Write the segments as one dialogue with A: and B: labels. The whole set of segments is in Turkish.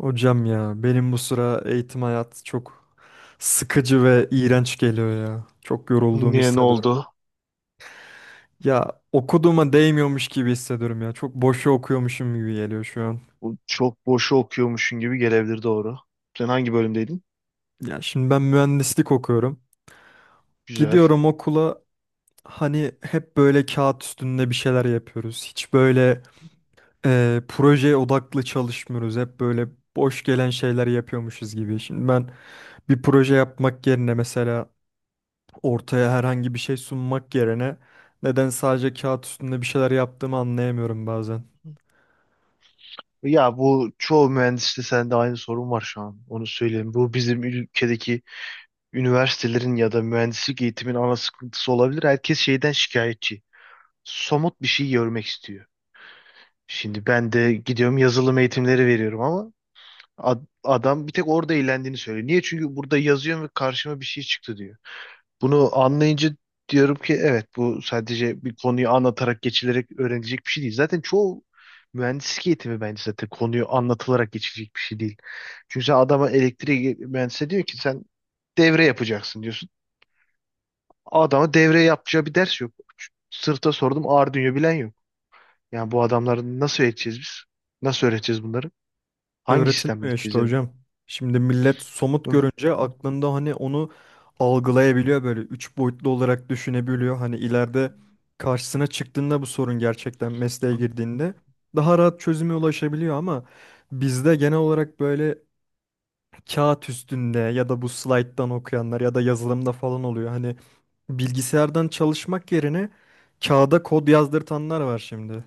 A: Hocam ya benim bu sıra eğitim hayatı çok sıkıcı ve iğrenç geliyor ya. Çok yorulduğumu
B: Niye ne
A: hissediyorum.
B: oldu?
A: Ya okuduğuma değmiyormuş gibi hissediyorum ya. Çok boşu okuyormuşum gibi geliyor şu an.
B: Bu çok boşu okuyormuşsun gibi gelebilir, doğru. Sen hangi bölümdeydin?
A: Ya şimdi ben mühendislik okuyorum.
B: Güzel.
A: Gidiyorum okula, hani hep böyle kağıt üstünde bir şeyler yapıyoruz. Hiç böyle projeye odaklı çalışmıyoruz. Hep böyle boş gelen şeyler yapıyormuşuz gibi. Şimdi ben bir proje yapmak yerine, mesela ortaya herhangi bir şey sunmak yerine, neden sadece kağıt üstünde bir şeyler yaptığımı anlayamıyorum bazen.
B: Ya bu çoğu mühendiste sende aynı sorun var şu an. Onu söyleyeyim. Bu bizim ülkedeki üniversitelerin ya da mühendislik eğitimin ana sıkıntısı olabilir. Herkes şeyden şikayetçi. Somut bir şey görmek istiyor. Şimdi ben de gidiyorum yazılım eğitimleri veriyorum ama adam bir tek orada eğlendiğini söylüyor. Niye? Çünkü burada yazıyorum ve karşıma bir şey çıktı diyor. Bunu anlayınca diyorum ki evet, bu sadece bir konuyu anlatarak geçilerek öğrenilecek bir şey değil. Zaten çoğu mühendislik eğitimi bence zaten konuyu anlatılarak geçilecek bir şey değil. Çünkü sen adama elektrik mühendisi diyor ki sen devre yapacaksın diyorsun. Adama devre yapacağı bir ders yok. Sırta sordum, Arduino bilen yok. Yani bu adamları nasıl öğreteceğiz biz? Nasıl öğreteceğiz bunları? Hangi sistemle
A: Öğretilmiyor
B: eğiteceğiz
A: işte
B: yani?
A: hocam. Şimdi millet somut
B: Hı,
A: görünce
B: hı,
A: aklında hani onu algılayabiliyor, böyle üç boyutlu olarak düşünebiliyor. Hani ileride karşısına çıktığında bu sorun, gerçekten mesleğe
B: hı.
A: girdiğinde daha rahat çözüme ulaşabiliyor, ama bizde genel olarak böyle kağıt üstünde ya da bu slayttan okuyanlar ya da yazılımda falan oluyor. Hani bilgisayardan çalışmak yerine kağıda kod yazdırtanlar var şimdi.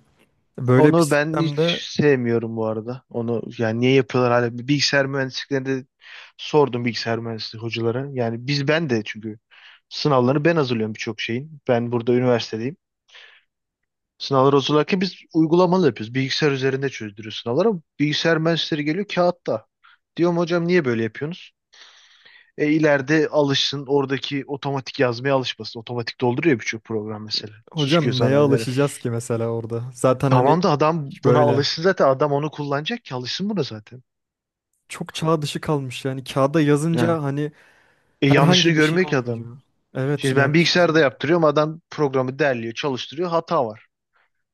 A: Böyle bir
B: Onu ben hiç
A: sistemde
B: sevmiyorum bu arada. Onu yani niye yapıyorlar hala? Bilgisayar mühendisliklerinde sordum bilgisayar mühendisliği hocalara. Yani biz ben de çünkü sınavlarını ben hazırlıyorum birçok şeyin. Ben burada üniversitedeyim. Sınavları hazırlarken biz uygulamalı yapıyoruz. Bilgisayar üzerinde çözdürüyoruz sınavları. Ama bilgisayar mühendisleri geliyor kağıtta. Diyorum hocam niye böyle yapıyorsunuz? E ileride alışsın, oradaki otomatik yazmaya alışmasın. Otomatik dolduruyor birçok program mesela. Çıkıyor
A: hocam
B: sana
A: neye
B: öneri.
A: alışacağız ki mesela orada? Zaten hani
B: Tamam da adam
A: hiç
B: buna
A: böyle,
B: alışsın zaten. Adam onu kullanacak ki alışsın buna zaten.
A: çok çağ dışı kalmış yani. Kağıda
B: Yani
A: yazınca hani
B: yanlışını
A: herhangi bir şey
B: görmüyor ki adam.
A: olmuyor. Evet,
B: Şimdi ben
A: yanlışımızı
B: bilgisayarda
A: gördük.
B: yaptırıyorum. Adam programı derliyor, çalıştırıyor. Hata var.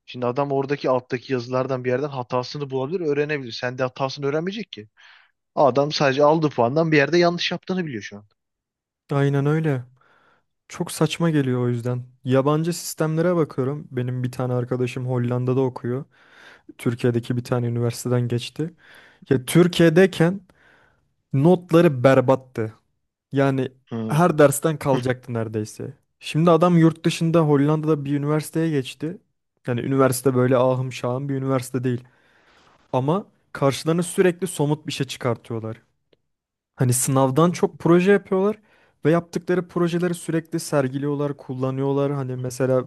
B: Şimdi adam oradaki alttaki yazılardan bir yerden hatasını bulabilir, öğrenebilir. Sen de hatasını öğrenmeyecek ki. Adam sadece aldığı puandan bir yerde yanlış yaptığını biliyor şu an.
A: Aynen öyle. Çok saçma geliyor o yüzden. Yabancı sistemlere bakıyorum. Benim bir tane arkadaşım Hollanda'da okuyor. Türkiye'deki bir tane üniversiteden geçti. Ya Türkiye'deyken notları berbattı. Yani
B: Hı.
A: her dersten kalacaktı neredeyse. Şimdi adam yurt dışında Hollanda'da bir üniversiteye geçti. Yani üniversite böyle ahım şahım bir üniversite değil. Ama karşılarına sürekli somut bir şey çıkartıyorlar. Hani sınavdan çok proje yapıyorlar ve yaptıkları projeleri sürekli sergiliyorlar, kullanıyorlar. Hani mesela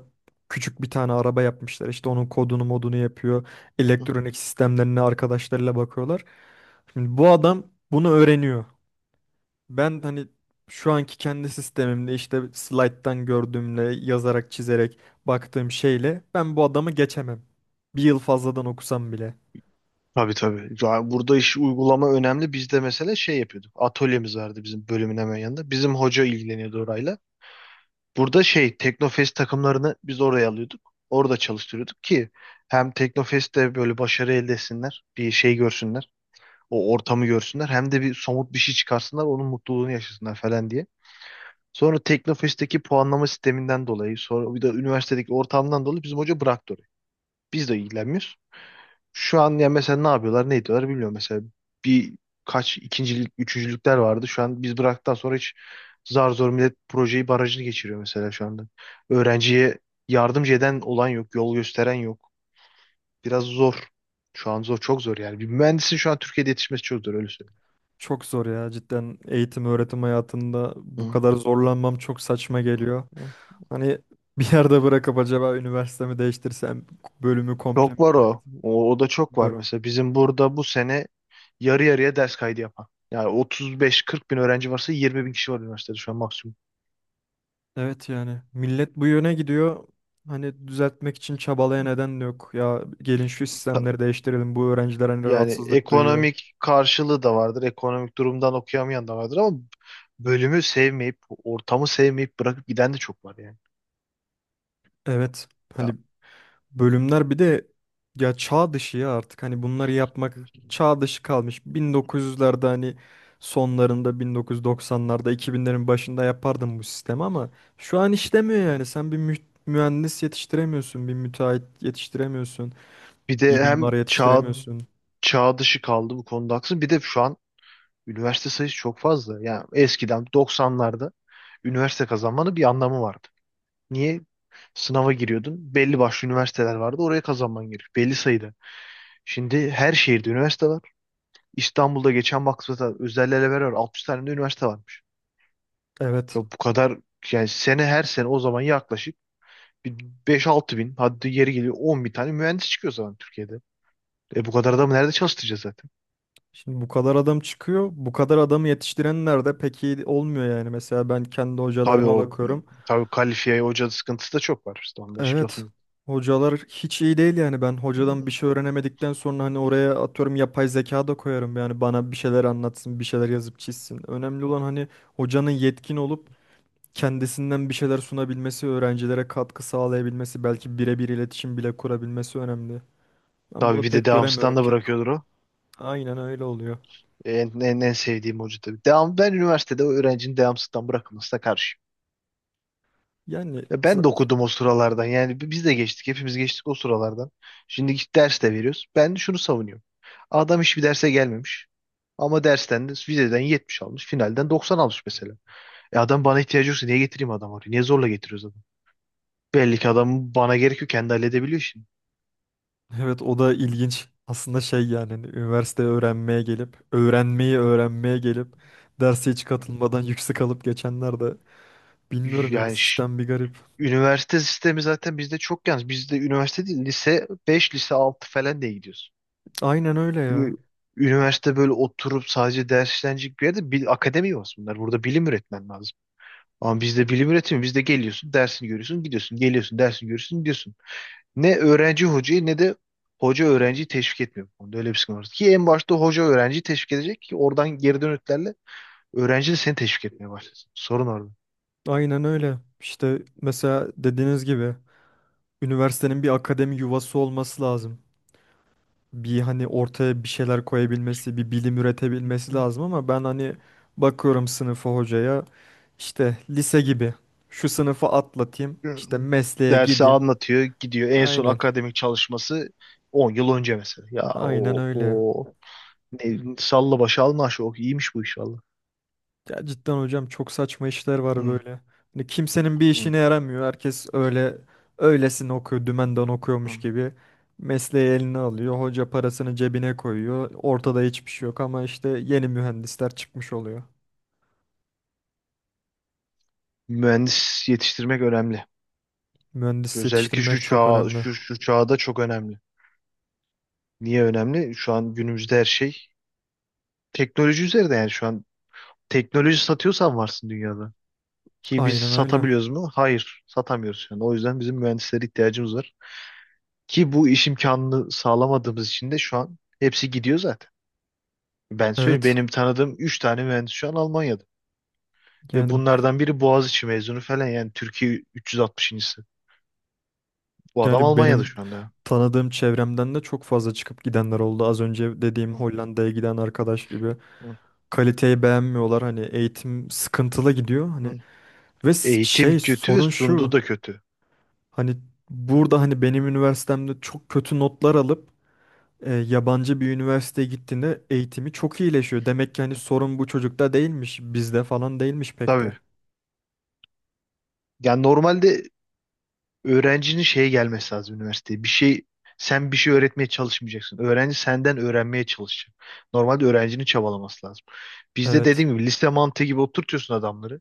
A: küçük bir tane araba yapmışlar. İşte onun kodunu modunu yapıyor. Elektronik sistemlerine arkadaşlarıyla bakıyorlar. Şimdi bu adam bunu öğreniyor. Ben hani şu anki kendi sistemimde, işte slide'dan gördüğümle yazarak çizerek baktığım şeyle ben bu adamı geçemem. Bir yıl fazladan okusam bile.
B: Tabii tabii. Ya burada iş uygulama önemli. Biz de mesela şey yapıyorduk. Atölyemiz vardı bizim bölümün hemen yanında. Bizim hoca ilgileniyordu orayla. Burada şey Teknofest takımlarını biz oraya alıyorduk. Orada çalıştırıyorduk ki hem Teknofest'te böyle başarı elde etsinler, bir şey görsünler, o ortamı görsünler, hem de bir somut bir şey çıkarsınlar, onun mutluluğunu yaşasınlar falan diye. Sonra Teknofest'teki puanlama sisteminden dolayı, sonra bir de üniversitedeki ortamdan dolayı bizim hoca bıraktı orayı. Biz de ilgilenmiyoruz. Şu an ya mesela ne yapıyorlar, ne ediyorlar bilmiyorum. Mesela bir kaç ikincilik, üçüncülükler vardı. Şu an biz bıraktıktan sonra hiç zar zor millet projeyi barajını geçiriyor mesela şu anda. Öğrenciye yardımcı eden olan yok, yol gösteren yok. Biraz zor. Şu an zor, çok zor yani. Bir mühendisin şu an Türkiye'de yetişmesi çok zor öyle söyleyeyim.
A: Çok zor ya, cidden eğitim öğretim hayatında bu
B: Hı.
A: kadar zorlanmam çok saçma geliyor. Hani bir yerde bırakıp acaba üniversitemi değiştirsem, bölümü komple
B: Çok
A: mi
B: var o. O da çok var
A: bırakmıyorum.
B: mesela. Bizim burada bu sene yarı yarıya ders kaydı yapan. Yani 35-40 bin öğrenci varsa 20 bin kişi var üniversitede şu an maksimum.
A: Evet, yani millet bu yöne gidiyor. Hani düzeltmek için çabalaya neden de yok. Ya gelin şu sistemleri değiştirelim, bu öğrenciler hani
B: Yani
A: rahatsızlık duyuyor.
B: ekonomik karşılığı da vardır. Ekonomik durumdan okuyamayan da vardır ama bölümü sevmeyip, ortamı sevmeyip bırakıp giden de çok var yani.
A: Evet.
B: Ya,
A: Hani bölümler bir de ya çağ dışı, ya artık hani bunları yapmak çağ dışı kalmış. 1900'lerde hani sonlarında, 1990'larda, 2000'lerin başında yapardım bu sistemi ama şu an işlemiyor yani. Sen bir mühendis yetiştiremiyorsun, bir müteahhit yetiştiremiyorsun,
B: bir
A: bir
B: de
A: mimar yetiştiremiyorsun.
B: çağ dışı kaldı bu konuda haklısın. Bir de şu an üniversite sayısı çok fazla. Yani eskiden 90'larda üniversite kazanmanın bir anlamı vardı. Niye? Sınava giriyordun. Belli başlı üniversiteler vardı. Oraya kazanman gerekiyor. Belli sayıda. Şimdi her şehirde üniversite var. İstanbul'da geçen baktığımda özel elever var. 60 tane de üniversite var.
A: Evet.
B: Ya bu kadar yani sene her sene o zaman yaklaşık bir beş altı bin, hadi yeri geliyor 10 bin tane mühendis çıkıyor o zaman Türkiye'de. E bu kadar adamı nerede çalıştıracağız zaten?
A: Şimdi bu kadar adam çıkıyor. Bu kadar adamı yetiştirenler de pek iyi olmuyor yani. Mesela ben kendi
B: Tabii
A: hocalarıma
B: o
A: bakıyorum.
B: tabii kalifiye hoca sıkıntısı da çok var. İşte onda hiçbir
A: Evet.
B: lafım yok.
A: Hocalar hiç iyi değil yani. Ben hocadan bir şey öğrenemedikten sonra, hani oraya atıyorum yapay zeka da koyarım yani, bana bir şeyler anlatsın, bir şeyler yazıp çizsin. Önemli olan hani hocanın yetkin olup kendisinden bir şeyler sunabilmesi, öğrencilere katkı sağlayabilmesi, belki birebir iletişim bile kurabilmesi önemli. Ben
B: Tabii
A: bunu
B: bir de
A: pek
B: devamsızdan
A: göremiyorum
B: da
A: kendi
B: bırakıyordur
A: okulda.
B: o.
A: Aynen öyle oluyor.
B: En sevdiğim hoca tabii. Ben üniversitede o öğrencinin devamsızdan bırakılmasına karşı.
A: Yani
B: Ya
A: za-
B: ben de okudum o sıralardan. Yani biz de geçtik. Hepimiz geçtik o sıralardan. Şimdi git ders de veriyoruz. Ben şunu savunuyorum. Adam hiçbir derse gelmemiş. Ama dersten de vizeden 70 almış. Finalden 90 almış mesela. E adam bana ihtiyacı yoksa niye getireyim adam oraya? Niye zorla getiriyoruz adamı? Belli ki adam bana gerekiyor, kendi halledebiliyor şimdi.
A: Evet, o da ilginç. Aslında şey yani, hani üniversite öğrenmeye gelip, öğrenmeyi öğrenmeye gelip derse hiç katılmadan yüksek alıp geçenler de, bilmiyorum yani,
B: Yani
A: sistem bir garip.
B: üniversite sistemi zaten bizde çok yanlış. Bizde üniversite değil, lise 5, lise 6 falan diye gidiyoruz.
A: Aynen öyle ya.
B: Çünkü üniversite böyle oturup sadece ders işlenecek bir yerde bil, akademi yok bunlar. Burada bilim üretmen lazım. Ama bizde bilim üretimi. Bizde geliyorsun, dersini görüyorsun, gidiyorsun. Geliyorsun, dersini görüyorsun, gidiyorsun. Ne öğrenci hocayı ne de hoca öğrenciyi teşvik etmiyor bu konuda. Öyle bir sıkıntı var. Ki en başta hoca öğrenciyi teşvik edecek ki oradan geri dönütlerle öğrenci de seni teşvik etmeye başlasın. Sorun orada.
A: Aynen öyle. İşte mesela dediğiniz gibi üniversitenin bir akademi yuvası olması lazım. Bir hani ortaya bir şeyler koyabilmesi, bir bilim üretebilmesi lazım, ama ben hani bakıyorum sınıfa, hocaya, işte lise gibi şu sınıfı atlatayım, işte mesleğe
B: Dersi
A: gideyim.
B: anlatıyor, gidiyor. En son
A: Aynen.
B: akademik çalışması 10 yıl önce mesela. Ya
A: Aynen
B: o
A: öyle.
B: o ne, salla başa alma aşağı. Oh, iyiymiş bu iş valla.
A: Ya cidden hocam çok saçma işler var
B: Hı,
A: böyle. Hani kimsenin bir
B: hı,
A: işine yaramıyor. Herkes öyle, öylesine okuyor, dümenden
B: hı.
A: okuyormuş gibi. Mesleği eline alıyor. Hoca parasını cebine koyuyor. Ortada hiçbir şey yok ama işte yeni mühendisler çıkmış oluyor.
B: Mühendis yetiştirmek önemli.
A: Mühendis
B: Özellikle
A: yetiştirmek çok önemli.
B: şu çağda çok önemli. Niye önemli? Şu an günümüzde her şey teknoloji üzerinde, yani şu an teknoloji satıyorsan varsın dünyada. Ki biz
A: Aynen öyle.
B: satabiliyoruz mu? Hayır, satamıyoruz şu an. O yüzden bizim mühendislere ihtiyacımız var. Ki bu iş imkanını sağlamadığımız için de şu an hepsi gidiyor zaten. Ben söyleyeyim,
A: Evet.
B: benim tanıdığım 3 tane mühendis şu an Almanya'da. Ve
A: Yani
B: bunlardan biri Boğaziçi mezunu falan, yani Türkiye 360.'sı. Bu adam
A: yani
B: Almanya'da
A: benim
B: şu anda.
A: tanıdığım çevremden de çok fazla çıkıp gidenler oldu. Az önce dediğim
B: Hı,
A: Hollanda'ya giden arkadaş gibi.
B: hı,
A: Kaliteyi beğenmiyorlar. Hani eğitim sıkıntılı gidiyor. Hani
B: hı. Eğitim
A: şey,
B: kötü ve
A: sorun şu.
B: sunduğu da kötü.
A: Hani burada, hani benim üniversitemde çok kötü notlar alıp yabancı bir üniversiteye gittiğinde eğitimi çok iyileşiyor. Demek ki hani
B: Hı.
A: sorun bu çocukta değilmiş, bizde falan değilmiş pek
B: Tabii.
A: de.
B: Yani normalde öğrencinin şeye gelmesi lazım üniversiteye. Bir şey sen bir şey öğretmeye çalışmayacaksın. Öğrenci senden öğrenmeye çalışacak. Normalde öğrencinin çabalaması lazım. Bizde
A: Evet.
B: dediğim gibi liste mantığı gibi oturtuyorsun adamları.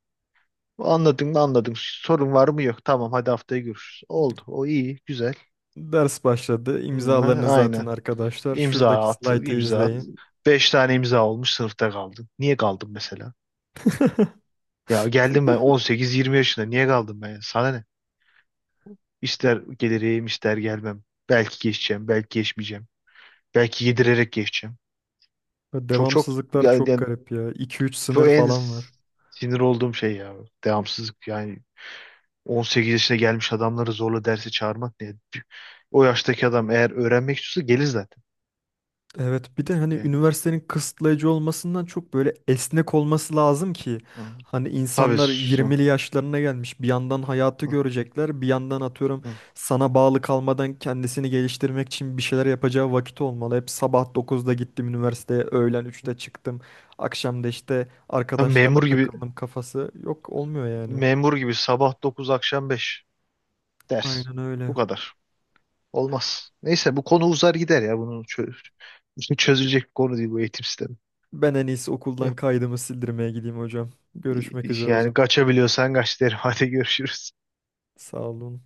B: Anladın mı anladın. Sorun var mı yok. Tamam hadi haftaya görüşürüz. Oldu. O iyi. Güzel.
A: Ders başladı.
B: Hı,
A: İmzalarınızı atın
B: aynen.
A: arkadaşlar. Şuradaki
B: İmza at.
A: slaytı
B: İmza at.
A: izleyin.
B: Beş tane imza olmuş, sınıfta kaldın. Niye kaldın mesela? Ya geldim ben 18-20 yaşında. Niye kaldım ben? Sana ne? İster gelirim, ister gelmem. Belki geçeceğim, belki geçmeyeceğim. Belki yedirerek geçeceğim. Çok çok
A: Devamsızlıklar
B: yani,
A: çok
B: yani
A: garip ya. İki üç sınır
B: çok en
A: falan var.
B: sinir olduğum şey ya. Devamsızlık yani 18 yaşına gelmiş adamları zorla derse çağırmak ne? O yaştaki adam eğer öğrenmek istiyorsa gelir zaten.
A: Evet, bir de hani
B: Yani,
A: üniversitenin kısıtlayıcı olmasından çok böyle esnek olması lazım ki,
B: hı. Hı.
A: hani
B: Tabii.
A: insanlar 20'li yaşlarına gelmiş, bir yandan hayatı
B: Hı,
A: görecekler, bir yandan atıyorum
B: hı.
A: sana bağlı kalmadan kendisini geliştirmek için bir şeyler yapacağı vakit olmalı. Hep sabah 9'da gittim üniversiteye, öğlen 3'te çıktım, akşam da işte
B: Tabii
A: arkadaşlarla
B: memur gibi
A: takıldım kafası yok olmuyor yani.
B: memur gibi sabah 9, akşam 5. Ders.
A: Aynen
B: Bu
A: öyle.
B: kadar. Olmaz. Neyse bu konu uzar gider ya. Bunun çözülecek bir konu değil bu eğitim sistemi.
A: Ben en iyisi okuldan
B: Yok,
A: kaydımı sildirmeye gideyim hocam. Görüşmek üzere o
B: yani
A: zaman.
B: kaçabiliyorsan kaç derim. Hadi görüşürüz.
A: Sağ olun.